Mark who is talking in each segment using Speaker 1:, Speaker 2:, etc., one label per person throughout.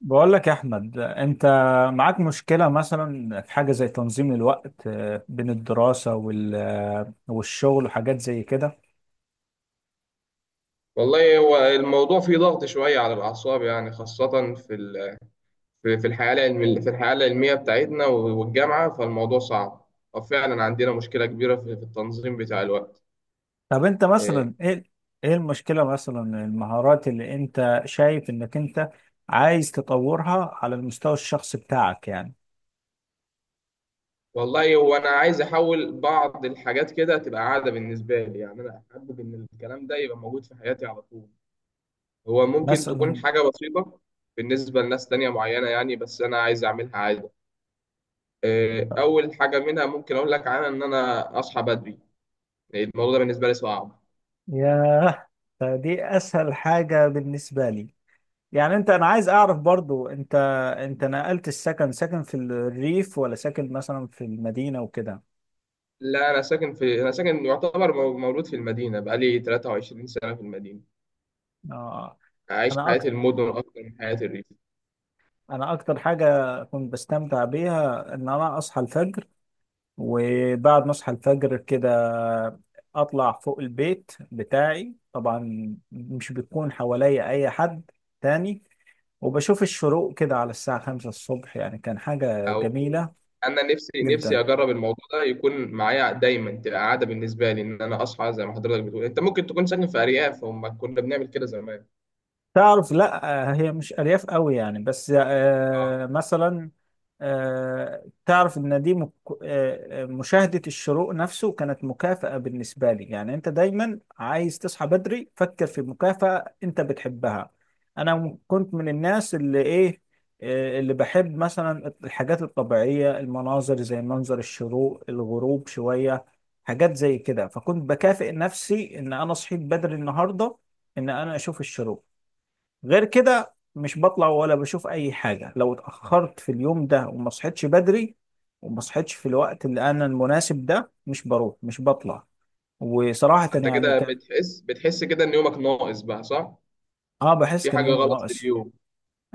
Speaker 1: بقول لك يا احمد، انت معاك مشكله مثلا في حاجه زي تنظيم الوقت، بين الدراسه والشغل وحاجات زي كده.
Speaker 2: والله هو الموضوع فيه ضغط شوية على الأعصاب يعني خاصة في الحياة العلمية. بتاعتنا والجامعة فالموضوع صعب. وفعلا عندنا مشكلة كبيرة في التنظيم بتاع الوقت.
Speaker 1: طب انت
Speaker 2: إيه،
Speaker 1: مثلا ايه المشكله مثلا؟ المهارات اللي انت شايف انك انت عايز تطورها على المستوى الشخصي بتاعك، يعني
Speaker 2: والله هو أنا عايز أحول بعض الحاجات كده تبقى عادة بالنسبة لي، يعني أنا أحبب إن الكلام ده يبقى موجود في حياتي على طول. هو ممكن تكون
Speaker 1: مثلا.
Speaker 2: حاجة بسيطة بالنسبة لناس تانية معينة يعني، بس أنا عايز أعملها عادة. أول حاجة منها ممكن أقول لك عنها إن أنا أصحى بدري. الموضوع ده بالنسبة لي صعب.
Speaker 1: ياه، فدي اسهل حاجه بالنسبه لي. يعني انا عايز اعرف، برضو انت نقلت السكن؟ ساكن في الريف ولا ساكن مثلا في المدينه وكده؟
Speaker 2: لا، أنا ساكن في، أنا ساكن يعتبر مولود في المدينة، بقالي 23 سنة في المدينة.
Speaker 1: آه،
Speaker 2: أعيش
Speaker 1: انا
Speaker 2: حياة
Speaker 1: اكتر
Speaker 2: المدن أكتر من حياة الريف.
Speaker 1: انا اكتر حاجه كنت بستمتع بيها ان انا اصحى الفجر. وبعد ما اصحى الفجر كده اطلع فوق البيت بتاعي، طبعا مش بيكون حواليا اي حد تاني، وبشوف الشروق كده على الساعه 5 الصبح، يعني كان حاجه
Speaker 2: أو
Speaker 1: جميله
Speaker 2: أنا نفسي نفسي
Speaker 1: جدا.
Speaker 2: أجرب الموضوع ده يكون معايا دايما تبقى عادة بالنسبة لي، إن أنا أصحى زي ما حضرتك بتقول. أنت ممكن تكون ساكن في أرياف، هم كنا بنعمل كده زمان.
Speaker 1: تعرف، لا، هي مش أرياف قوي يعني، بس مثلا، تعرف إن دي مك... آه، آه، مشاهدة الشروق نفسه كانت مكافأة بالنسبة لي، يعني أنت دايما عايز تصحى بدري، فكر في مكافأة أنت بتحبها. أنا كنت من الناس اللي إيه آه، اللي بحب مثلا الحاجات الطبيعية، المناظر زي منظر الشروق، الغروب، شوية حاجات زي كده. فكنت بكافئ نفسي إن أنا صحيت بدري النهاردة، إن أنا أشوف الشروق. غير كده مش بطلع ولا بشوف اي حاجه لو اتاخرت في اليوم ده وما صحيتش بدري. وما صحيتش في الوقت اللي المناسب ده، مش بروح، مش بطلع. وصراحه
Speaker 2: أنت
Speaker 1: يعني
Speaker 2: كده
Speaker 1: كان.
Speaker 2: بتحس كده إن يومك ناقص بقى، صح؟
Speaker 1: اه، بحس
Speaker 2: في
Speaker 1: كان
Speaker 2: حاجة
Speaker 1: يوم
Speaker 2: غلط في
Speaker 1: ناقص.
Speaker 2: اليوم.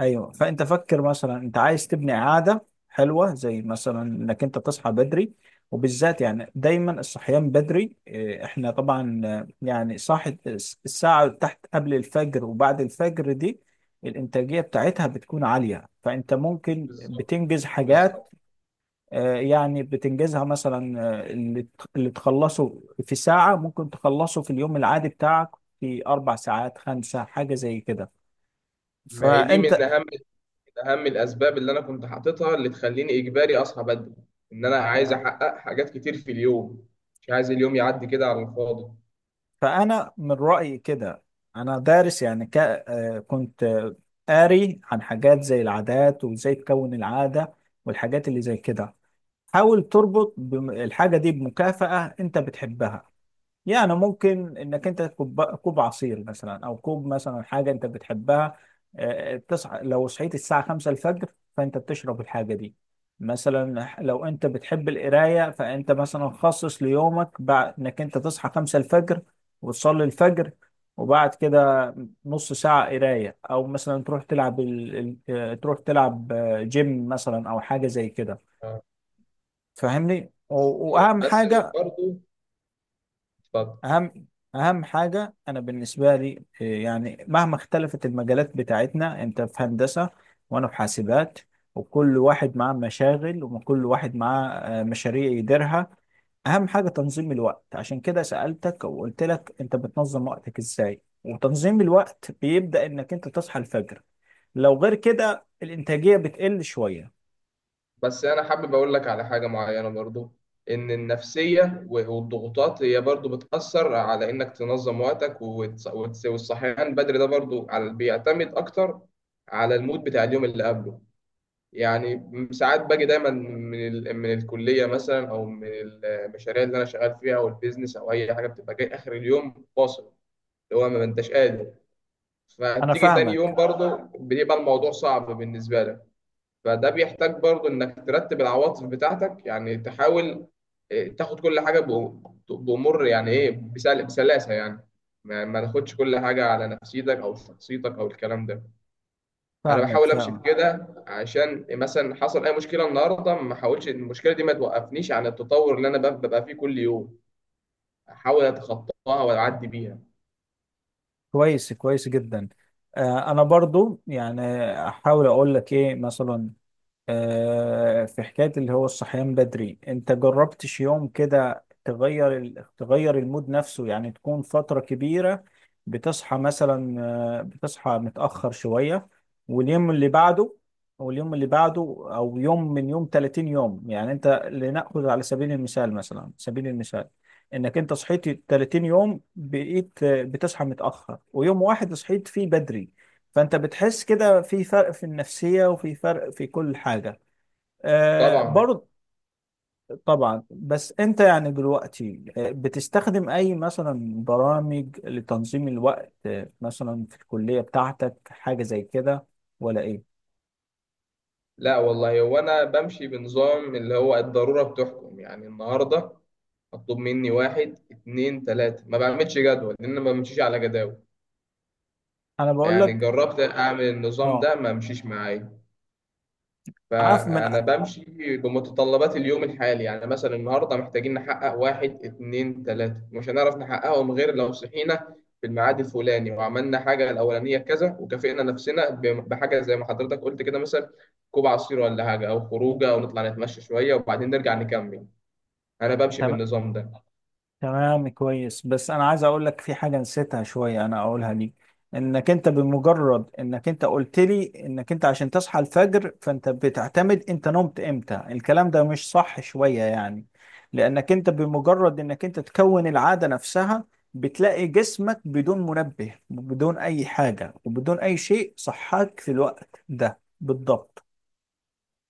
Speaker 1: ايوه، فانت فكر مثلا انت عايز تبني عاده حلوه زي مثلا انك انت تصحى بدري. وبالذات يعني دايما الصحيان بدري، احنا طبعا يعني صاحي الساعه تحت قبل الفجر وبعد الفجر دي، الانتاجيه بتاعتها بتكون عاليه. فانت ممكن
Speaker 2: بالظبط،
Speaker 1: بتنجز حاجات،
Speaker 2: بالظبط.
Speaker 1: يعني بتنجزها مثلا، اللي تخلصه في ساعه ممكن تخلصه في اليوم العادي بتاعك في 4 ساعات، 5، حاجه زي كده.
Speaker 2: ما هي دي من
Speaker 1: فانت
Speaker 2: أهم، اهم الاسباب اللي انا كنت حاططها، اللي تخليني اجباري اصحى بدري. ان انا عايز
Speaker 1: يعني
Speaker 2: احقق حاجات كتير في اليوم، مش عايز اليوم يعدي كده على الفاضي.
Speaker 1: فأنا من رأيي كده. أنا دارس، يعني ك... آه، كنت قاري عن حاجات زي العادات وإزاي تكون العادة والحاجات اللي زي كده. حاول تربط الحاجة دي بمكافأة أنت بتحبها. يعني ممكن انك انت كوب عصير مثلا، او كوب مثلا حاجه انت بتحبها. تصحى، لو صحيت الساعه 5 الفجر فانت بتشرب الحاجه دي. مثلا لو انت بتحب القرايه فانت مثلا خصص ليومك بعد انك انت تصحى 5 الفجر وتصلي الفجر، وبعد كده نص ساعه قرايه، او مثلا تروح تلعب جيم مثلا او حاجه زي كده.
Speaker 2: آه.
Speaker 1: فاهمني؟
Speaker 2: بس،
Speaker 1: واهم
Speaker 2: بس
Speaker 1: حاجه،
Speaker 2: برضو، اتفضل.
Speaker 1: اهم اهم حاجه انا بالنسبه لي، يعني مهما اختلفت المجالات بتاعتنا، انت في هندسه وانا في حاسبات، وكل واحد معاه مشاغل وكل واحد معاه مشاريع يديرها. اهم حاجه تنظيم الوقت، عشان كده سالتك وقلت لك انت بتنظم وقتك ازاي، وتنظيم الوقت بيبدا انك انت تصحى الفجر. لو غير كده الانتاجيه بتقل شويه.
Speaker 2: بس انا حابب اقول لك على حاجه معينه برضو. ان النفسيه والضغوطات هي برضو بتاثر على انك تنظم وقتك والصحيان بدري ده برضو بيعتمد اكتر على المود بتاع اليوم اللي قبله. يعني ساعات باجي دايما من الكليه مثلا، او من المشاريع اللي انا شغال فيها او البيزنس او اي حاجه، بتبقى جاي اخر اليوم فاصل اللي هو ما انتش قادر.
Speaker 1: انا
Speaker 2: فتيجي تاني يوم
Speaker 1: فاهمك،
Speaker 2: برضه بيبقى الموضوع صعب بالنسبه لك. فده بيحتاج برضه انك ترتب العواطف بتاعتك، يعني تحاول، تاخد كل حاجه بامور يعني ايه، بسلاسه يعني. ما تاخدش كل حاجه على نفسيتك او شخصيتك او الكلام ده. انا
Speaker 1: فاهمك،
Speaker 2: بحاول امشي في
Speaker 1: فاهمك.
Speaker 2: كده، عشان مثلا حصل اي مشكله النهارده، ما احاولش المشكله دي ما توقفنيش عن التطور اللي انا ببقى فيه كل يوم. احاول اتخطاها واعدي بيها.
Speaker 1: كويس، كويس جدا. انا برضو يعني احاول اقول لك ايه مثلا. في حكاية اللي هو الصحيان بدري، انت جربتش يوم كده تغير تغير المود نفسه، يعني تكون فترة كبيرة بتصحى مثلا بتصحى متأخر شوية، واليوم اللي بعده، او اليوم اللي بعده، او يوم من يوم 30 يوم، يعني انت لنأخذ على سبيل المثال، انك انت صحيت 30 يوم بقيت بتصحى متأخر، ويوم واحد صحيت فيه بدري، فانت بتحس كده في فرق في النفسية وفي فرق في كل حاجة، آه
Speaker 2: طبعا.
Speaker 1: برضه. طبعا، بس انت يعني دلوقتي بتستخدم اي مثلا برامج لتنظيم الوقت، مثلا في الكلية بتاعتك حاجة زي كده، ولا ايه؟
Speaker 2: لا والله، هو انا بمشي بنظام اللي هو الضروره بتحكم، يعني النهارده مطلوب مني واحد اتنين تلاته، ما بعملش جدول لان أنا ما بمشيش على جداول.
Speaker 1: انا بقول
Speaker 2: يعني
Speaker 1: لك،
Speaker 2: جربت اعمل النظام
Speaker 1: اه،
Speaker 2: ده، ما مشيش معايا.
Speaker 1: عارف من.
Speaker 2: فأنا بمشي بمتطلبات اليوم الحالي، يعني مثلا النهاردة محتاجين نحقق واحد اتنين تلاتة، مش هنعرف نحققهم غير لو صحينا في الميعاد الفلاني، وعملنا حاجة الأولانية كذا، وكافئنا نفسنا بحاجة زي ما حضرتك قلت كده، مثلا كوب عصير ولا حاجة، أو خروجة، أو نطلع نتمشى شوية وبعدين نرجع نكمل. أنا بمشي
Speaker 1: تمام،
Speaker 2: بالنظام ده.
Speaker 1: تمام. كويس، بس انا عايز اقول لك في حاجه نسيتها شويه انا اقولها ليك. انك انت بمجرد انك انت قلت لي انك انت عشان تصحى الفجر فانت بتعتمد انت نمت امتى، الكلام ده مش صح شويه يعني. لانك انت بمجرد انك انت تكون العاده نفسها، بتلاقي جسمك بدون منبه، بدون اي حاجه، وبدون اي شيء صحاك في الوقت ده بالضبط.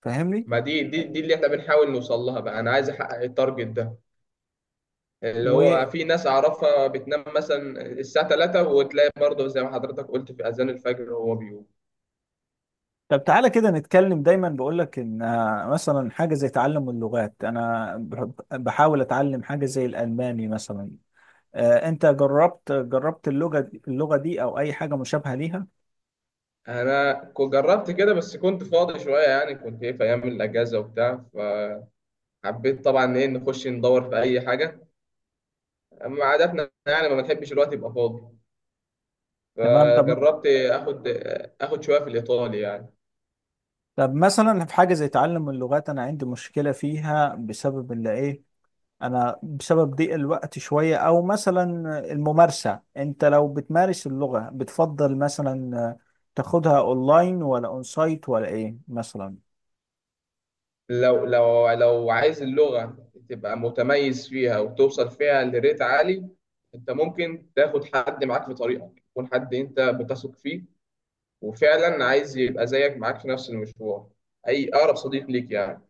Speaker 1: فاهمني؟
Speaker 2: ما دي اللي إحنا بنحاول نوصل لها بقى. أنا عايز أحقق التارجت ده، اللي هو في ناس أعرفها بتنام مثلا الساعة 3، وتلاقي برضه زي ما حضرتك قلت في أذان الفجر وهو بيقوم.
Speaker 1: طب تعالى كده نتكلم، دايما بقول لك ان مثلا حاجه زي تعلم اللغات، انا بحاول اتعلم حاجه زي الالماني مثلا. انت جربت اللغه دي او اي حاجه مشابهه ليها؟
Speaker 2: انا جربت كده، بس كنت فاضي شويه يعني، كنت ايه، في ايام الاجازه وبتاع، فحبيت طبعا ايه نخش ندور في اي حاجه. اما عاداتنا يعني ما بنحبش الوقت يبقى فاضي.
Speaker 1: تمام.
Speaker 2: فجربت اخد، اخد شويه في الايطالي يعني.
Speaker 1: طب مثلا في حاجه زي تعلم اللغات، انا عندي مشكله فيها بسبب اللي ايه؟ انا بسبب ضيق الوقت شويه، او مثلا الممارسه، انت لو بتمارس اللغه بتفضل مثلا تاخدها اونلاين ولا اون سايت ولا ايه مثلا؟
Speaker 2: لو عايز اللغه تبقى متميز فيها وتوصل فيها لريت عالي، انت ممكن تاخد حد معاك في طريقك، يكون حد انت بتثق فيه وفعلا عايز يبقى زيك معاك في نفس المشوار، اي اقرب صديق ليك يعني.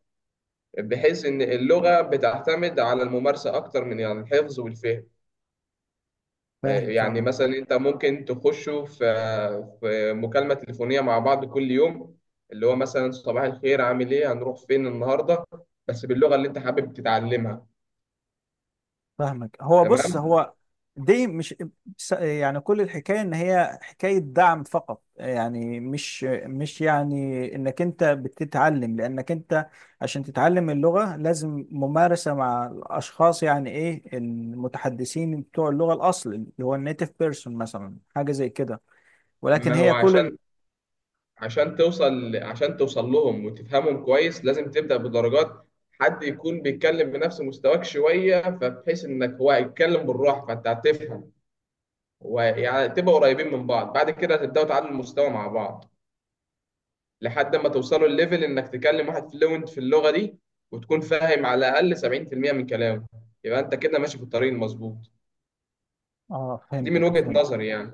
Speaker 2: بحيث ان اللغه بتعتمد على الممارسه اكتر من يعني الحفظ والفهم.
Speaker 1: فاهم،
Speaker 2: يعني
Speaker 1: فاهم،
Speaker 2: مثلا انت ممكن تخشوا في مكالمه تليفونيه مع بعض كل يوم، اللي هو مثلا صباح الخير، عامل ايه، هنروح فين النهارده، بس باللغه اللي انت حابب تتعلمها.
Speaker 1: فاهمك. هو بص،
Speaker 2: تمام.
Speaker 1: هو دي مش يعني كل الحكايه ان هي حكايه دعم فقط، يعني مش يعني انك انت بتتعلم، لانك انت عشان تتعلم اللغه لازم ممارسه مع الاشخاص، يعني ايه، المتحدثين بتوع اللغه الاصل اللي هو النيتيف بيرسون مثلا، حاجه زي كده، ولكن
Speaker 2: ما هو
Speaker 1: هي
Speaker 2: عشان، عشان توصل لهم وتفهمهم كويس، لازم تبدا بدرجات. حد يكون بيتكلم بنفس مستواك شويه، فبحيث انك هو هيتكلم بالراحه فانت هتفهم، ويعني تبقى قريبين من بعض. بعد كده هتبداوا تعلوا المستوى مع بعض، لحد ما توصلوا الليفل انك تكلم واحد فلوينت في اللغه دي، وتكون فاهم على الاقل 70% من كلامه. يبقى انت كده ماشي في الطريق المظبوط.
Speaker 1: اه،
Speaker 2: دي من
Speaker 1: فهمتك،
Speaker 2: وجهة
Speaker 1: فهمت.
Speaker 2: نظري يعني.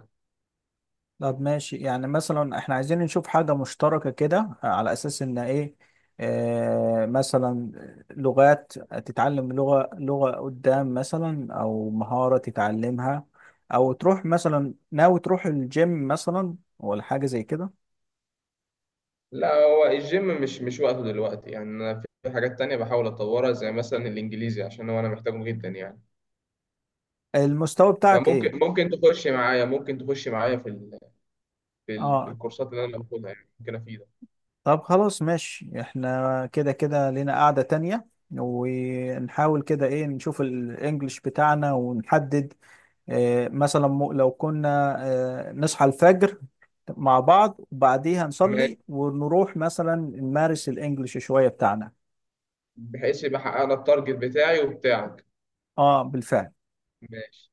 Speaker 1: طب ماشي، يعني مثلا احنا عايزين نشوف حاجة مشتركة كده، على أساس إن إيه آه مثلا لغات، تتعلم لغة لغة قدام مثلا، أو مهارة تتعلمها، أو تروح مثلا، ناوي تروح الجيم مثلا ولا حاجة زي كده؟
Speaker 2: لا، هو الجيم مش، مش وقته دلوقتي يعني، انا في حاجات تانية بحاول اطورها زي مثلا الانجليزي عشان هو انا محتاجه جدا يعني.
Speaker 1: المستوى بتاعك إيه؟
Speaker 2: فممكن، ممكن تخش معايا، ممكن تخش معايا في
Speaker 1: آه
Speaker 2: الكورسات اللي انا باخدها، يعني ممكن افيدك.
Speaker 1: طب خلاص ماشي، احنا كده كده لينا قاعدة تانية، ونحاول كده نشوف الإنجليش بتاعنا ونحدد، مثلا لو كنا نصحى الفجر مع بعض وبعديها
Speaker 2: ماشي.
Speaker 1: نصلي ونروح مثلا نمارس الانجليش شوية بتاعنا.
Speaker 2: بحيث يبقى حققنا التارجت بتاعي وبتاعك.
Speaker 1: اه، بالفعل.
Speaker 2: ماشي.